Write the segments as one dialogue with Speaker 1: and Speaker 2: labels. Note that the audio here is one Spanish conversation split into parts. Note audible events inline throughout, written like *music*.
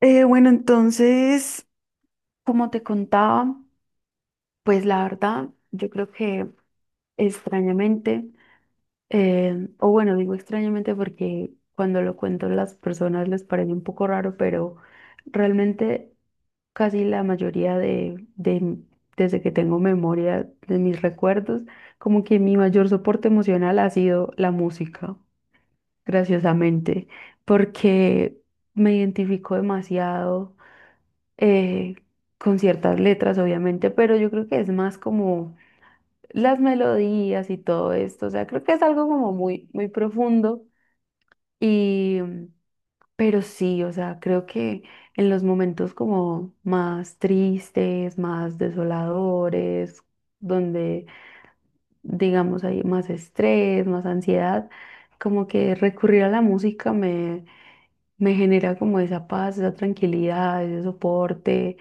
Speaker 1: Eh, bueno, entonces, como te contaba, pues la verdad, yo creo que extrañamente, o bueno, digo extrañamente porque cuando lo cuento las personas les parece un poco raro, pero realmente casi la mayoría desde que tengo memoria de mis recuerdos, como que mi mayor soporte emocional ha sido la música, graciosamente, porque me identifico demasiado eh, con ciertas letras, obviamente, pero yo creo que es más como las melodías y todo esto, o sea, creo que es algo como muy, muy profundo y pero sí, o sea, creo que en los momentos como más tristes, más desoladores, donde digamos, hay más estrés, más ansiedad, como que recurrir a la música, me genera como esa paz, esa tranquilidad, ese soporte.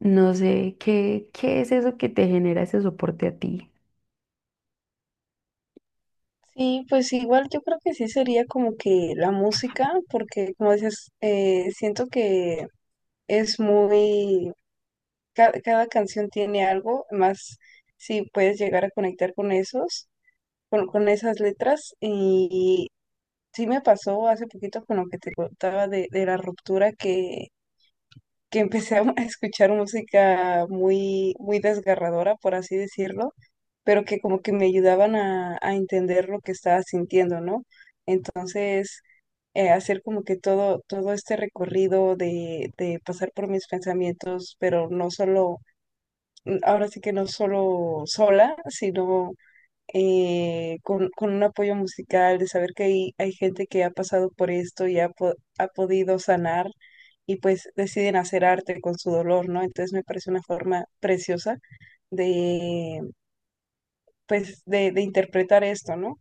Speaker 1: No sé, ¿qué es eso que te genera ese soporte a ti?
Speaker 2: Sí, pues igual yo creo que sí sería como que la música, porque como dices, siento que es muy, cada canción tiene algo, más si puedes llegar a conectar con esos, con esas letras. Y sí me pasó hace poquito con lo que te contaba de la ruptura que empecé a *laughs* escuchar música muy, muy desgarradora, por así decirlo, pero que como que me ayudaban a entender lo que estaba sintiendo, ¿no? Entonces, hacer como que todo este recorrido de pasar por mis pensamientos, pero no solo, ahora sí que no solo sola, sino con un apoyo musical, de saber que hay gente que ha pasado por esto y ha podido sanar y pues deciden hacer arte con su dolor, ¿no? Entonces me parece una forma preciosa de, pues, de interpretar esto, ¿no?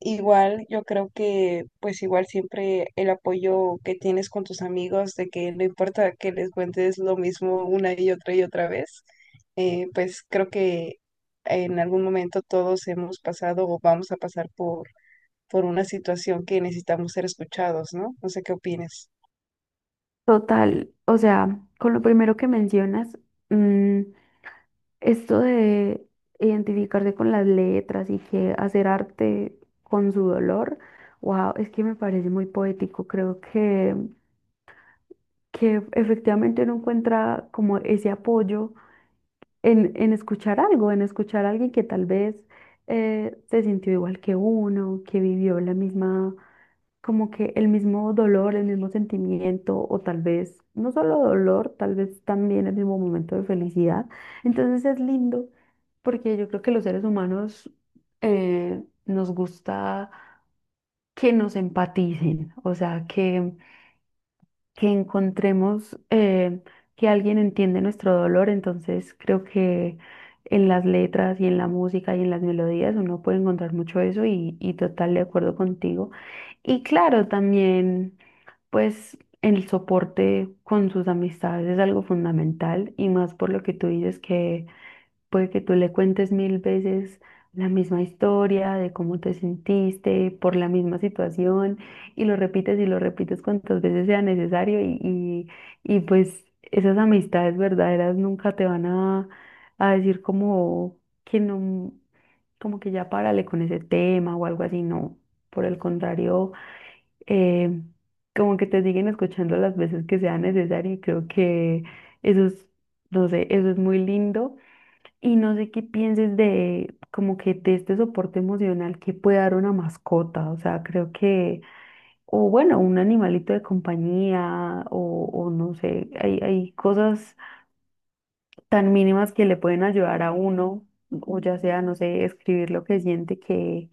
Speaker 2: Igual, yo creo que pues igual siempre el apoyo que tienes con tus amigos, de que no importa que les cuentes lo mismo una y otra vez, pues creo que en algún momento todos hemos pasado o vamos a pasar por una situación que necesitamos ser escuchados, ¿no? No sé qué opinas.
Speaker 1: Total, o sea, con lo primero que mencionas, mm, esto de identificarse con las letras y que hacer arte con su dolor, wow, es que me parece muy poético. Creo que efectivamente uno encuentra como ese apoyo en escuchar algo, en escuchar a alguien que tal vez se sintió igual que uno, que vivió la misma como que el mismo dolor, el mismo sentimiento, o tal vez no solo dolor, tal vez también el mismo momento de felicidad. Entonces es lindo porque yo creo que los seres humanos nos gusta que nos empaticen, o sea, que encontremos que alguien entiende nuestro dolor. Entonces creo que en las letras y en la música y en las melodías uno puede encontrar mucho eso y total de acuerdo contigo. Y claro, también pues el soporte con sus amistades es algo fundamental y más por lo que tú dices que puede que tú le cuentes mil veces la misma historia de cómo te sentiste por la misma situación y lo repites cuantas veces sea necesario y, pues esas amistades verdaderas nunca te van a decir como que no, como que ya párale con ese tema o algo así, no. Por el contrario, eh, como que te siguen escuchando las veces que sea necesario y creo que eso es, no sé, eso es muy lindo y no sé qué pienses de como que de este soporte emocional que puede dar una mascota. O sea, creo que, o bueno, un animalito de compañía, o no sé, hay cosas tan mínimas que le pueden ayudar a uno, o ya sea, no sé, escribir lo que siente, que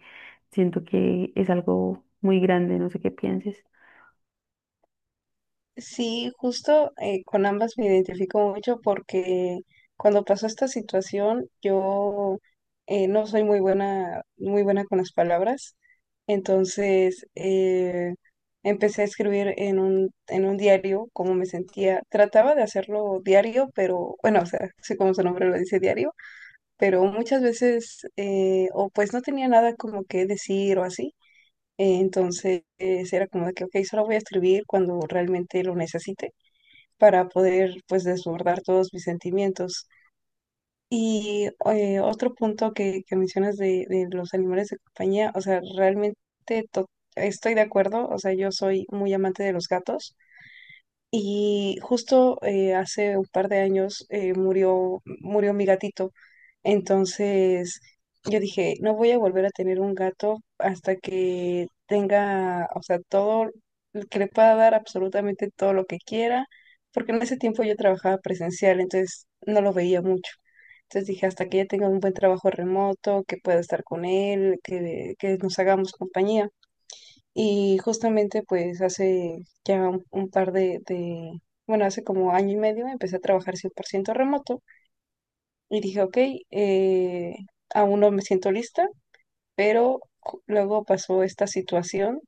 Speaker 1: siento que es algo muy grande, no sé qué pienses.
Speaker 2: Sí, justo con ambas me identifico mucho porque cuando pasó esta situación yo no soy muy buena con las palabras, entonces empecé a escribir en un diario cómo me sentía. Trataba de hacerlo diario, pero bueno, o sea, sí como su nombre lo dice diario, pero muchas veces o pues no tenía nada como que decir o así, entonces era como de que, ok, solo voy a escribir cuando realmente lo necesite para poder pues desbordar todos mis sentimientos. Y otro punto que mencionas de los animales de compañía, o sea, realmente to- estoy de acuerdo, o sea, yo soy muy amante de los gatos y justo hace un par de años murió mi gatito. Entonces yo dije, no voy a volver a tener un gato hasta que tenga, o sea, todo, que le pueda dar absolutamente todo lo que quiera, porque en ese tiempo yo trabajaba presencial, entonces no lo veía mucho. Entonces dije, hasta que ella tenga un buen trabajo remoto, que pueda estar con él, que nos hagamos compañía. Y justamente pues hace ya un par bueno, hace como año y medio empecé a trabajar 100% remoto y dije, ok, eh, aún no me siento lista, pero luego pasó esta situación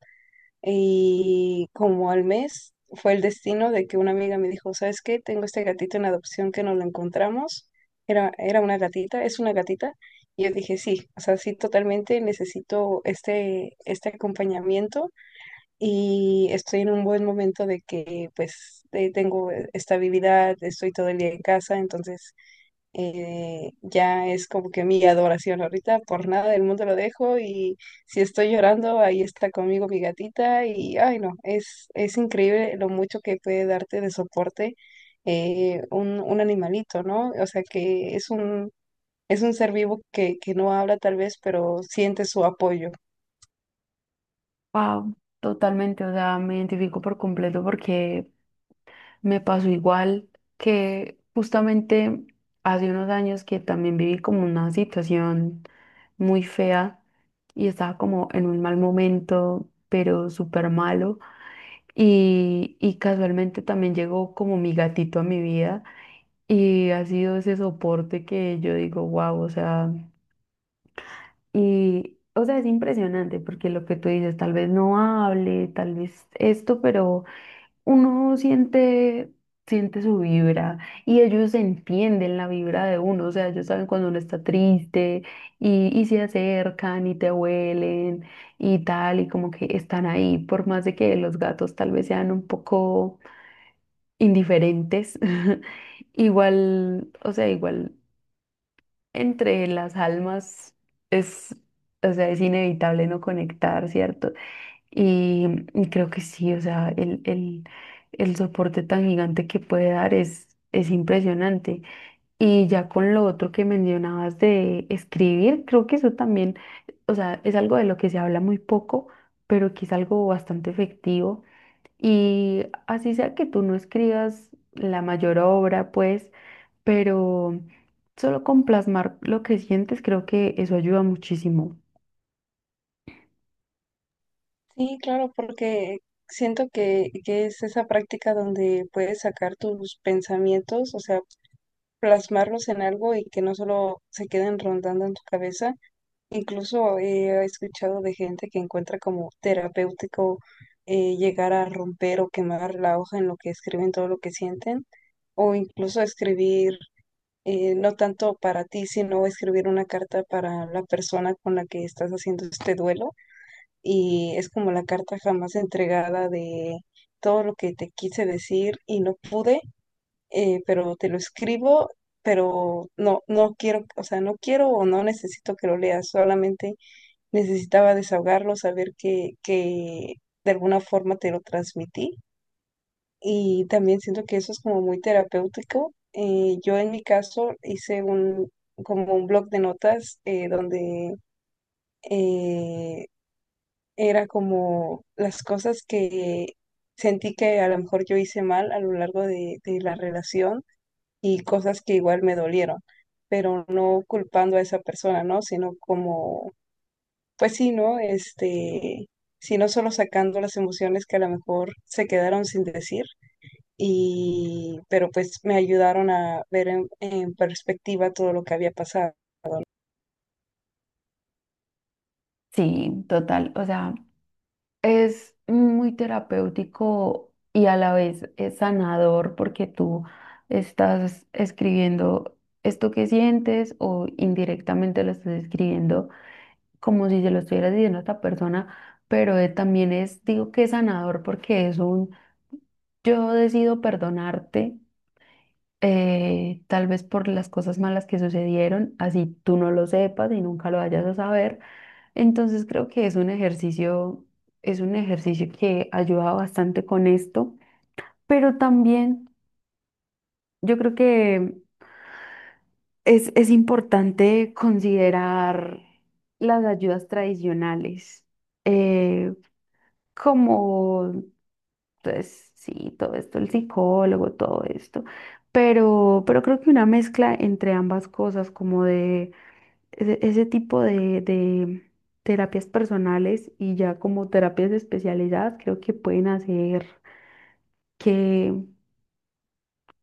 Speaker 2: y como al mes fue el destino de que una amiga me dijo, ¿sabes qué? Tengo este gatito en adopción que no lo encontramos. Era, era una gatita, es una gatita. Y yo dije, sí, o sea, sí, totalmente necesito este, este acompañamiento y estoy en un buen momento de que pues tengo estabilidad, estoy todo el día en casa, entonces ya es como que mi adoración ahorita, por nada del mundo lo dejo y si estoy llorando, ahí está conmigo mi gatita y ay no, es increíble lo mucho que puede darte de soporte un animalito, ¿no? O sea que es un... Es un ser vivo que no habla tal vez, pero siente su apoyo.
Speaker 1: Wow, totalmente, o sea, me identifico por completo porque me pasó igual que justamente hace unos años que también viví como una situación muy fea y estaba como en un mal momento, pero súper malo. Y casualmente también llegó como mi gatito a mi vida y ha sido ese soporte que yo digo, wow, o sea, y, o sea, es impresionante porque lo que tú dices, tal vez no hable, tal vez esto, pero uno siente, siente su vibra y ellos entienden la vibra de uno, o sea, ellos saben cuando uno está triste y se acercan y te huelen y tal, y como que están ahí, por más de que los gatos tal vez sean un poco indiferentes, *laughs* igual, o sea, igual entre las almas es, o sea, es inevitable no conectar, ¿cierto? Y, y creo que sí, o sea, el soporte tan gigante que puede dar es impresionante. Y ya con lo otro que mencionabas de escribir, creo que eso también, o sea, es algo de lo que se habla muy poco, pero que es algo bastante efectivo. Y así sea que tú no escribas la mayor obra, pues, pero solo con plasmar lo que sientes, creo que eso ayuda muchísimo.
Speaker 2: Sí, claro, porque siento que es esa práctica donde puedes sacar tus pensamientos, o sea, plasmarlos en algo y que no solo se queden rondando en tu cabeza. Incluso he escuchado de gente que encuentra como terapéutico llegar a romper o quemar la hoja en lo que escriben, todo lo que sienten, o incluso escribir, no tanto para ti, sino escribir una carta para la persona con la que estás haciendo este duelo y es como la carta jamás entregada de todo lo que te quise decir y no pude, pero te lo escribo, pero no, no quiero, o sea, no quiero o no necesito que lo leas, solamente necesitaba desahogarlo, saber que de alguna forma te lo transmití y también siento que eso es como muy terapéutico. Yo en mi caso hice como un blog de notas donde... eh, era como las cosas que sentí que a lo mejor yo hice mal a lo largo de la relación y cosas que igual me dolieron, pero no culpando a esa persona, ¿no? Sino como, pues sí, ¿no? Este, sino solo sacando las emociones que a lo mejor se quedaron sin decir. Y, pero pues me ayudaron a ver en perspectiva todo lo que había pasado.
Speaker 1: Sí, total, o sea. Es muy terapéutico y a la vez es sanador porque tú estás escribiendo esto que sientes o indirectamente lo estás escribiendo como si se lo estuvieras diciendo a otra persona, pero también es, digo que es sanador porque es un yo decido perdonarte tal vez por las cosas malas que sucedieron, así tú no lo sepas y nunca lo vayas a saber, entonces creo que es un ejercicio que ayuda bastante con esto, pero también yo creo que es importante considerar las ayudas tradicionales, eh, como, pues sí, todo esto, el psicólogo, todo esto, pero creo que una mezcla entre ambas cosas, como de ese, ese tipo de terapias personales y ya como terapias especializadas creo que pueden hacer que,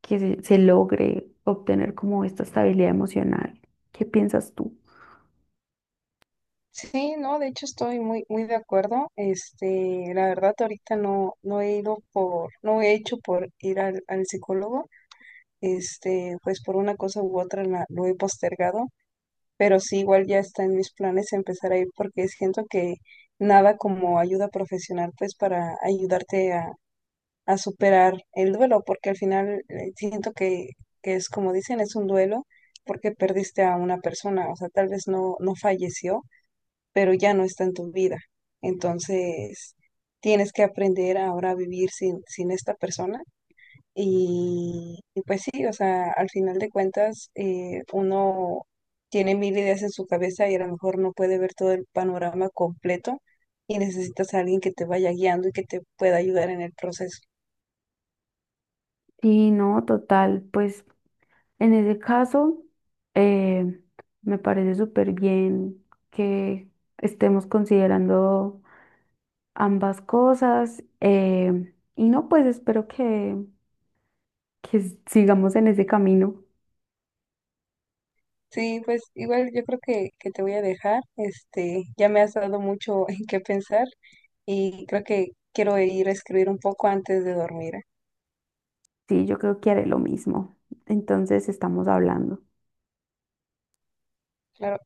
Speaker 1: que se logre obtener como esta estabilidad emocional. ¿Qué piensas tú?
Speaker 2: Sí, no, de hecho estoy muy, muy de acuerdo. Este, la verdad ahorita no he ido no he hecho por ir al, al psicólogo. Este, pues por una cosa u otra lo he postergado, pero sí igual ya está en mis planes empezar a ir porque siento que nada como ayuda profesional pues para ayudarte a superar el duelo, porque al final siento que es como dicen, es un duelo porque perdiste a una persona, o sea, tal vez no, no falleció pero ya no está en tu vida. Entonces, tienes que aprender ahora a vivir sin esta persona. Y pues sí, o sea, al final de cuentas, uno tiene mil ideas en su cabeza y a lo mejor no puede ver todo el panorama completo y necesitas a alguien que te vaya guiando y que te pueda ayudar en el proceso.
Speaker 1: Sí, no, total. Pues en ese caso, eh, me parece súper bien que estemos considerando ambas cosas. Y no, pues espero que sigamos en ese camino.
Speaker 2: Sí, pues igual yo creo que te voy a dejar. Este, ya me has dado mucho *laughs* en qué pensar y creo que quiero ir a escribir un poco antes de dormir. ¿Eh?
Speaker 1: Sí, yo creo que haré lo mismo. Entonces estamos hablando.
Speaker 2: Claro.